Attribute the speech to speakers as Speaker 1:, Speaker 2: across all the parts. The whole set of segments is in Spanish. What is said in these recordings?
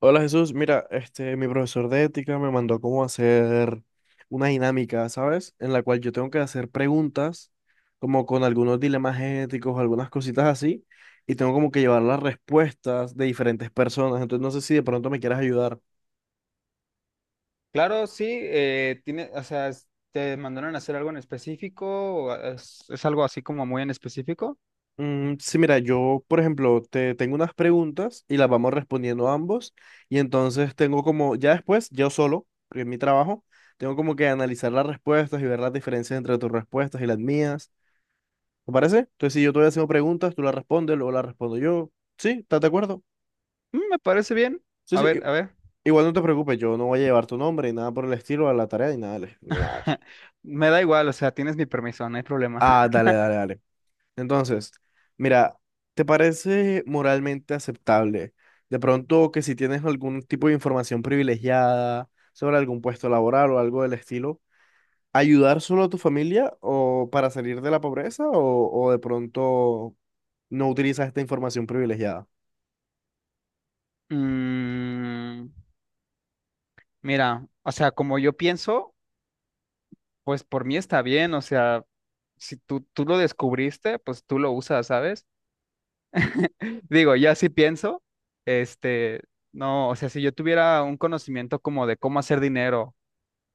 Speaker 1: Hola Jesús, mira, mi profesor de ética me mandó cómo hacer una dinámica, ¿sabes? En la cual yo tengo que hacer preguntas, como con algunos dilemas éticos, algunas cositas así, y tengo como que llevar las respuestas de diferentes personas. Entonces no sé si de pronto me quieras ayudar.
Speaker 2: Claro, sí, tiene, o sea, ¿te mandaron a hacer algo en específico? ¿O es algo así como muy en específico?
Speaker 1: Mm, sí, mira, yo, por ejemplo, te tengo unas preguntas y las vamos respondiendo ambos, y entonces tengo como, ya después, yo solo, porque es mi trabajo, tengo como que analizar las respuestas y ver las diferencias entre tus respuestas y las mías. ¿Te parece? Entonces, si yo te voy haciendo preguntas, tú las respondes, luego las respondo yo. ¿Sí? ¿Estás de acuerdo?
Speaker 2: Me parece bien.
Speaker 1: Sí,
Speaker 2: A
Speaker 1: sí.
Speaker 2: ver, a ver.
Speaker 1: Igual no te preocupes, yo no voy a llevar tu nombre ni nada por el estilo a la tarea ni nada. Ni nada.
Speaker 2: Me da igual, o sea, tienes mi permiso, no hay problema.
Speaker 1: Ah, dale, dale, dale. Entonces, mira, ¿te parece moralmente aceptable? De pronto que si tienes algún tipo de información privilegiada sobre algún puesto laboral o algo del estilo, ayudar solo a tu familia o para salir de la pobreza o de pronto no utilizas esta información privilegiada.
Speaker 2: Mm, mira, o sea, como yo pienso, pues por mí está bien, o sea, si tú lo descubriste, pues tú lo usas, ¿sabes? Digo, ya sí pienso, este, no, o sea, si yo tuviera un conocimiento como de cómo hacer dinero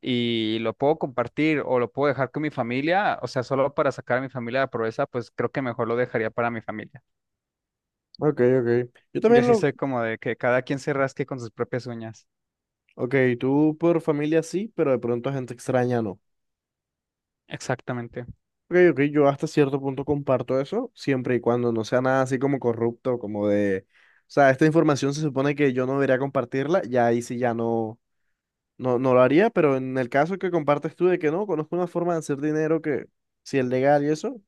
Speaker 2: y lo puedo compartir o lo puedo dejar con mi familia, o sea, solo para sacar a mi familia de la pobreza, pues creo que mejor lo dejaría para mi familia.
Speaker 1: Ok, ok. Yo
Speaker 2: Y
Speaker 1: también
Speaker 2: así
Speaker 1: lo,
Speaker 2: soy como de que cada quien se rasque con sus propias uñas.
Speaker 1: Ok, tú por familia sí, pero de pronto a gente extraña no.
Speaker 2: Exactamente.
Speaker 1: Ok, ok, yo hasta cierto punto comparto eso, siempre y cuando no sea nada así como corrupto, como de... O sea, esta información se supone que yo no debería compartirla, ya ahí sí ya no, no lo haría, pero en el caso que compartes tú de que no, conozco una forma de hacer dinero que si es legal y eso,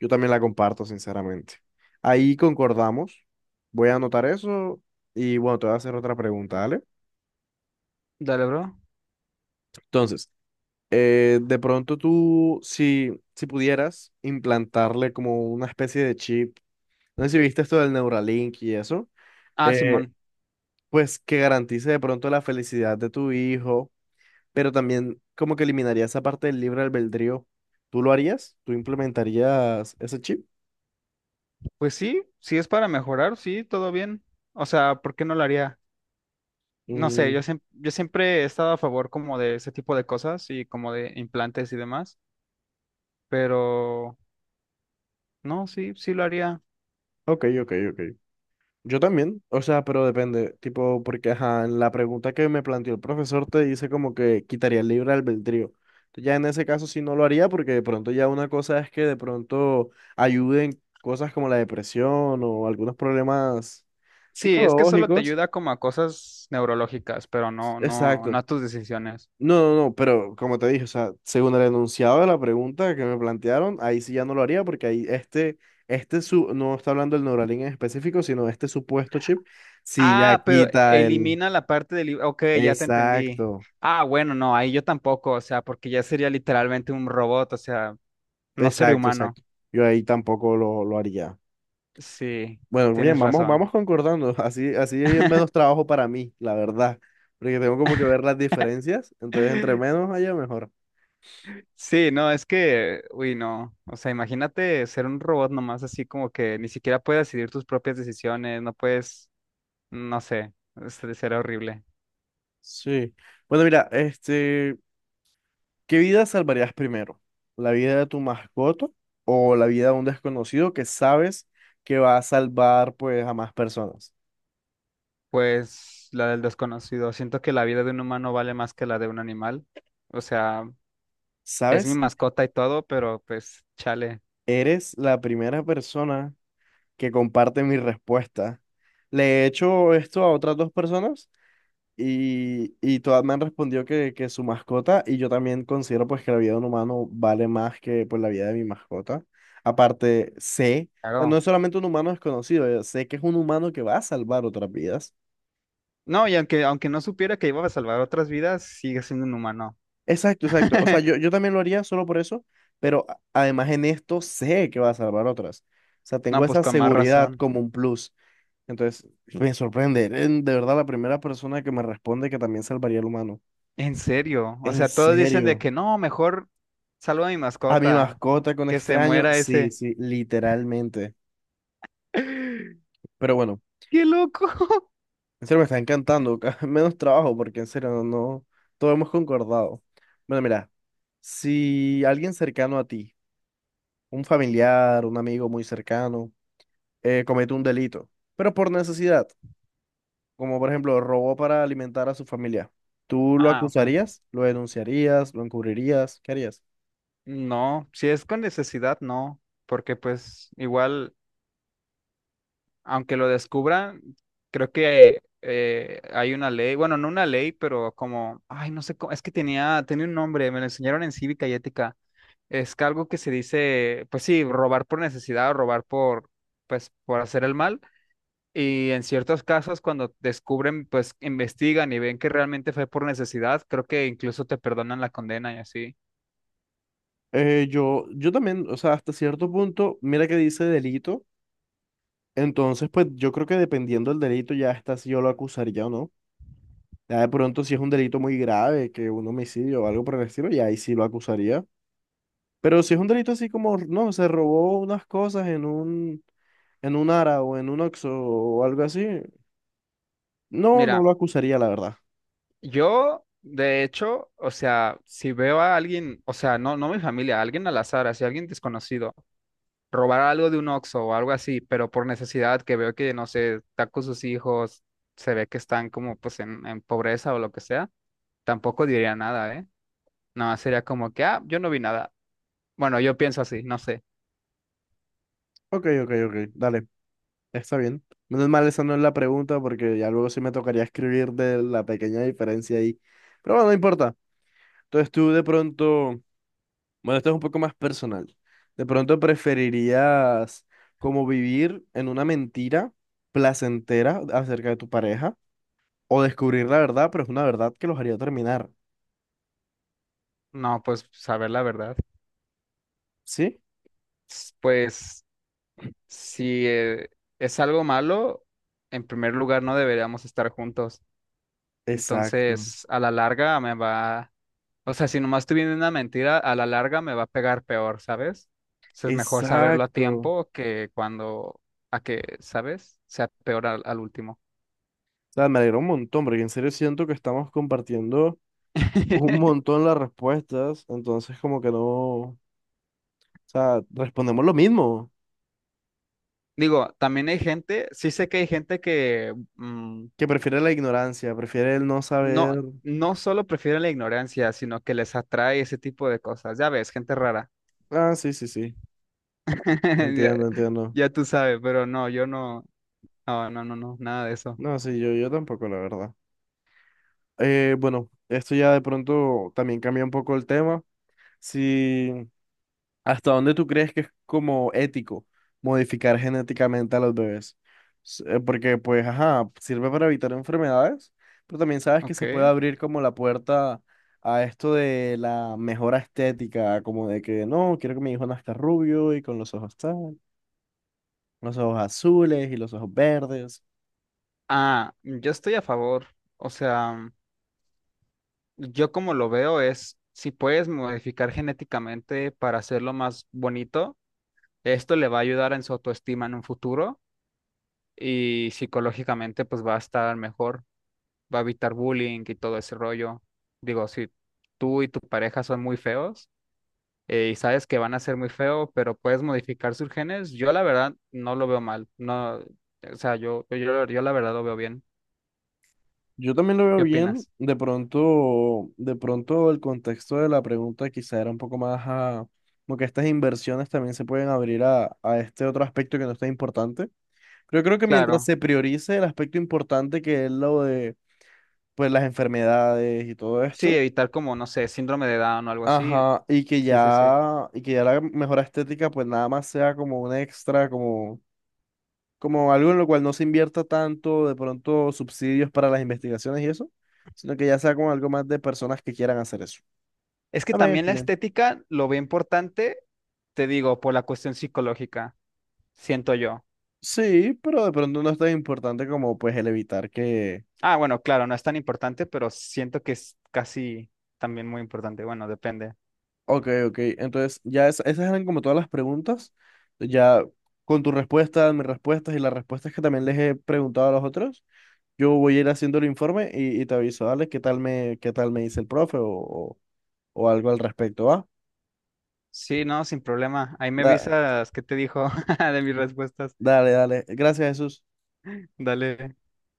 Speaker 1: yo también la comparto, sinceramente. Ahí concordamos, voy a anotar eso y bueno, te voy a hacer otra pregunta, ¿vale?
Speaker 2: Dale, bro.
Speaker 1: Entonces... de pronto tú, si pudieras implantarle como una especie de chip, no sé si viste esto del Neuralink y eso,
Speaker 2: Ah,
Speaker 1: eh,
Speaker 2: Simón.
Speaker 1: pues que garantice de pronto la felicidad de tu hijo, pero también como que eliminaría esa parte del libre albedrío, ¿tú lo harías? ¿Tú implementarías ese chip?
Speaker 2: Pues sí, sí es para mejorar, sí, todo bien. O sea, ¿por qué no lo haría? No sé,
Speaker 1: Mm,
Speaker 2: yo, yo siempre he estado a favor como de ese tipo de cosas y como de implantes y demás, pero no, sí, sí lo haría.
Speaker 1: ok, ok, ok. Yo también, o sea, pero depende, tipo, porque ajá, en la pregunta que me planteó el profesor te dice como que quitaría el libre albedrío. Entonces, ya en ese caso sí no lo haría porque de pronto ya una cosa es que de pronto ayuden cosas como la depresión o algunos problemas
Speaker 2: Sí, es que solo te
Speaker 1: psicológicos.
Speaker 2: ayuda como a cosas neurológicas, pero no
Speaker 1: Exacto.
Speaker 2: a tus decisiones.
Speaker 1: No, no, no, pero como te dije, o sea, según el enunciado de la pregunta que me plantearon, ahí sí ya no lo haría porque ahí no está hablando del Neuralink en específico, sino este supuesto chip, sí ya
Speaker 2: Ah, pero
Speaker 1: quita el...
Speaker 2: elimina la parte del libro. Ok, ya te entendí.
Speaker 1: Exacto,
Speaker 2: Ah, bueno, no, ahí yo tampoco, o sea, porque ya sería literalmente un robot, o sea, no ser
Speaker 1: exacto,
Speaker 2: humano.
Speaker 1: exacto. Yo ahí tampoco lo haría.
Speaker 2: Sí,
Speaker 1: Bueno, bien,
Speaker 2: tienes razón.
Speaker 1: vamos concordando. Así hay menos trabajo para mí, la verdad. Porque tengo como que ver las diferencias. Entonces, entre menos haya, mejor.
Speaker 2: Sí, no, es que, uy, no, o sea, imagínate ser un robot nomás así como que ni siquiera puedes decidir tus propias decisiones, no puedes, no sé, será horrible.
Speaker 1: Sí. Bueno, mira, ¿qué vida salvarías primero? ¿La vida de tu mascota o la vida de un desconocido que sabes que va a salvar pues a más personas?
Speaker 2: Pues la del desconocido. Siento que la vida de un humano vale más que la de un animal. O sea, es mi
Speaker 1: ¿Sabes?
Speaker 2: mascota y todo, pero pues chale,
Speaker 1: Eres la primera persona que comparte mi respuesta. Le he hecho esto a otras dos personas y todas me han respondido que su mascota y yo también considero pues que la vida de un humano vale más que pues la vida de mi mascota. Aparte, sé, o sea, no
Speaker 2: hago?
Speaker 1: es solamente un humano desconocido, sé que es un humano que va a salvar otras vidas.
Speaker 2: No, y aunque no supiera que iba a salvar otras vidas, sigue siendo un humano.
Speaker 1: Exacto, exacto. O sea, yo también lo haría solo por eso, pero además en esto sé que va a salvar otras. O sea, tengo
Speaker 2: No, pues
Speaker 1: esa
Speaker 2: con más
Speaker 1: seguridad
Speaker 2: razón.
Speaker 1: como un plus. Entonces, me sorprende. Eres de verdad la primera persona que me responde que también salvaría al humano.
Speaker 2: En serio. O
Speaker 1: En
Speaker 2: sea, todos dicen de
Speaker 1: serio.
Speaker 2: que no, mejor salvo a mi
Speaker 1: A mi
Speaker 2: mascota,
Speaker 1: mascota con
Speaker 2: que se
Speaker 1: extraño.
Speaker 2: muera
Speaker 1: Sí,
Speaker 2: ese.
Speaker 1: sí, literalmente. Pero bueno,
Speaker 2: ¡Qué loco!
Speaker 1: en serio me está encantando. Menos trabajo porque en serio no, no. Todo hemos concordado. Bueno, mira, si alguien cercano a ti, un familiar, un amigo muy cercano, comete un delito, pero por necesidad. Como por ejemplo robó para alimentar a su familia, ¿tú lo
Speaker 2: Ah, ok.
Speaker 1: acusarías? ¿Lo denunciarías? ¿Lo encubrirías? ¿Qué harías?
Speaker 2: No, si es con necesidad, no, porque pues igual. Aunque lo descubran, creo que hay una ley, bueno, no una ley, pero como, ay, no sé cómo, es que tenía un nombre, me lo enseñaron en cívica y ética. Es que algo que se dice, pues sí, robar por necesidad o robar por, pues, por hacer el mal. Y en ciertos casos, cuando descubren, pues investigan y ven que realmente fue por necesidad, creo que incluso te perdonan la condena y así.
Speaker 1: Yo también, o sea, hasta cierto punto, mira que dice delito, entonces pues yo creo que dependiendo del delito ya está si yo lo acusaría o no. Ya de pronto si es un delito muy grave, que un homicidio o algo por el estilo, ya ahí sí lo acusaría. Pero si es un delito así como, no, se robó unas cosas en un Ara o en un Oxxo o algo así, no, no
Speaker 2: Mira,
Speaker 1: lo acusaría, la verdad.
Speaker 2: yo, de hecho, o sea, si veo a alguien, o sea, no, no mi familia, alguien al azar, así, alguien desconocido robar algo de un Oxxo o algo así, pero por necesidad, que veo que, no sé, está con sus hijos, se ve que están como pues en pobreza o lo que sea, tampoco diría nada, ¿eh? Nada más sería como que, ah, yo no vi nada. Bueno, yo pienso así, no sé.
Speaker 1: Ok, ok, ok, dale. Está bien. Menos mal, esa no es la pregunta porque ya luego sí me tocaría escribir de la pequeña diferencia ahí. Pero bueno, no importa. Entonces tú de pronto, bueno, esto es un poco más personal. De pronto preferirías como vivir en una mentira placentera acerca de tu pareja o descubrir la verdad, pero es una verdad que los haría terminar.
Speaker 2: No, pues saber la verdad.
Speaker 1: ¿Sí?
Speaker 2: Pues si es algo malo, en primer lugar no deberíamos estar juntos.
Speaker 1: Exacto.
Speaker 2: Entonces, a la larga me va. O sea, si nomás estoy viendo una mentira, a la larga me va a pegar peor, ¿sabes? Entonces es mejor saberlo a
Speaker 1: Exacto.
Speaker 2: tiempo que cuando, a que, ¿sabes? Sea peor al, al último.
Speaker 1: O sea, me alegra un montón porque en serio siento que estamos compartiendo un montón las respuestas, entonces como que no... O sea, respondemos lo mismo,
Speaker 2: Digo, también hay gente, sí sé que hay gente que
Speaker 1: que prefiere la ignorancia, prefiere el no
Speaker 2: no,
Speaker 1: saber.
Speaker 2: no solo prefiere la ignorancia, sino que les atrae ese tipo de cosas. Ya ves, gente rara.
Speaker 1: Ah, sí, sí, sí.
Speaker 2: Ya,
Speaker 1: Entiendo, entiendo.
Speaker 2: ya tú sabes, pero no, yo no, no, nada de eso.
Speaker 1: No, sí, yo tampoco, la verdad. Bueno, esto ya de pronto también cambia un poco el tema. Si ¿hasta dónde tú crees que es como ético modificar genéticamente a los bebés? Porque, pues, ajá, sirve para evitar enfermedades, pero también sabes que
Speaker 2: Ok.
Speaker 1: se puede abrir como la puerta a esto de la mejora estética, como de que no, quiero que mi hijo nazca rubio y con los ojos tal, los ojos azules y los ojos verdes.
Speaker 2: Ah, yo estoy a favor. O sea. Yo como lo veo es, si puedes modificar genéticamente para hacerlo más bonito, esto le va a ayudar en su autoestima en un futuro y psicológicamente pues va a estar mejor, va a evitar bullying y todo ese rollo. Digo, si tú y tu pareja son muy feos y sabes que van a ser muy feos, pero puedes modificar sus genes, yo la verdad no lo veo mal. No, o sea, yo la verdad lo veo bien.
Speaker 1: Yo también lo veo
Speaker 2: ¿Qué
Speaker 1: bien.
Speaker 2: opinas?
Speaker 1: De pronto el contexto de la pregunta quizá era un poco más a, como que estas inversiones también se pueden abrir a este otro aspecto que no está importante. Pero yo creo que mientras
Speaker 2: Claro,
Speaker 1: se priorice el aspecto importante que es lo de pues las enfermedades y todo
Speaker 2: sí,
Speaker 1: esto,
Speaker 2: evitar como, no sé, síndrome de Down o algo así.
Speaker 1: ajá,
Speaker 2: Sí, sí, sí.
Speaker 1: y que ya la mejora estética pues nada más sea como un extra, como algo en lo cual no se invierta tanto de pronto subsidios para las investigaciones y eso, sino que ya sea como algo más de personas que quieran hacer eso.
Speaker 2: Es que
Speaker 1: También
Speaker 2: también la
Speaker 1: estoy bien.
Speaker 2: estética lo ve importante, te digo, por la cuestión psicológica, siento yo.
Speaker 1: Sí, pero de pronto no es tan importante como pues el evitar que...
Speaker 2: Ah, bueno, claro, no es tan importante, pero siento que es casi también muy importante. Bueno, depende.
Speaker 1: Ok, ok, entonces ya esas eran como todas las preguntas, ya con tu respuesta, mis respuestas y las respuestas que también les he preguntado a los otros, yo voy a ir haciendo el informe y te aviso, dale, qué tal me dice el profe o algo al respecto, ¿va?
Speaker 2: Sí, no, sin problema. Ahí me
Speaker 1: Da-
Speaker 2: avisas qué te dijo de mis respuestas.
Speaker 1: dale, dale, gracias Jesús.
Speaker 2: Dale.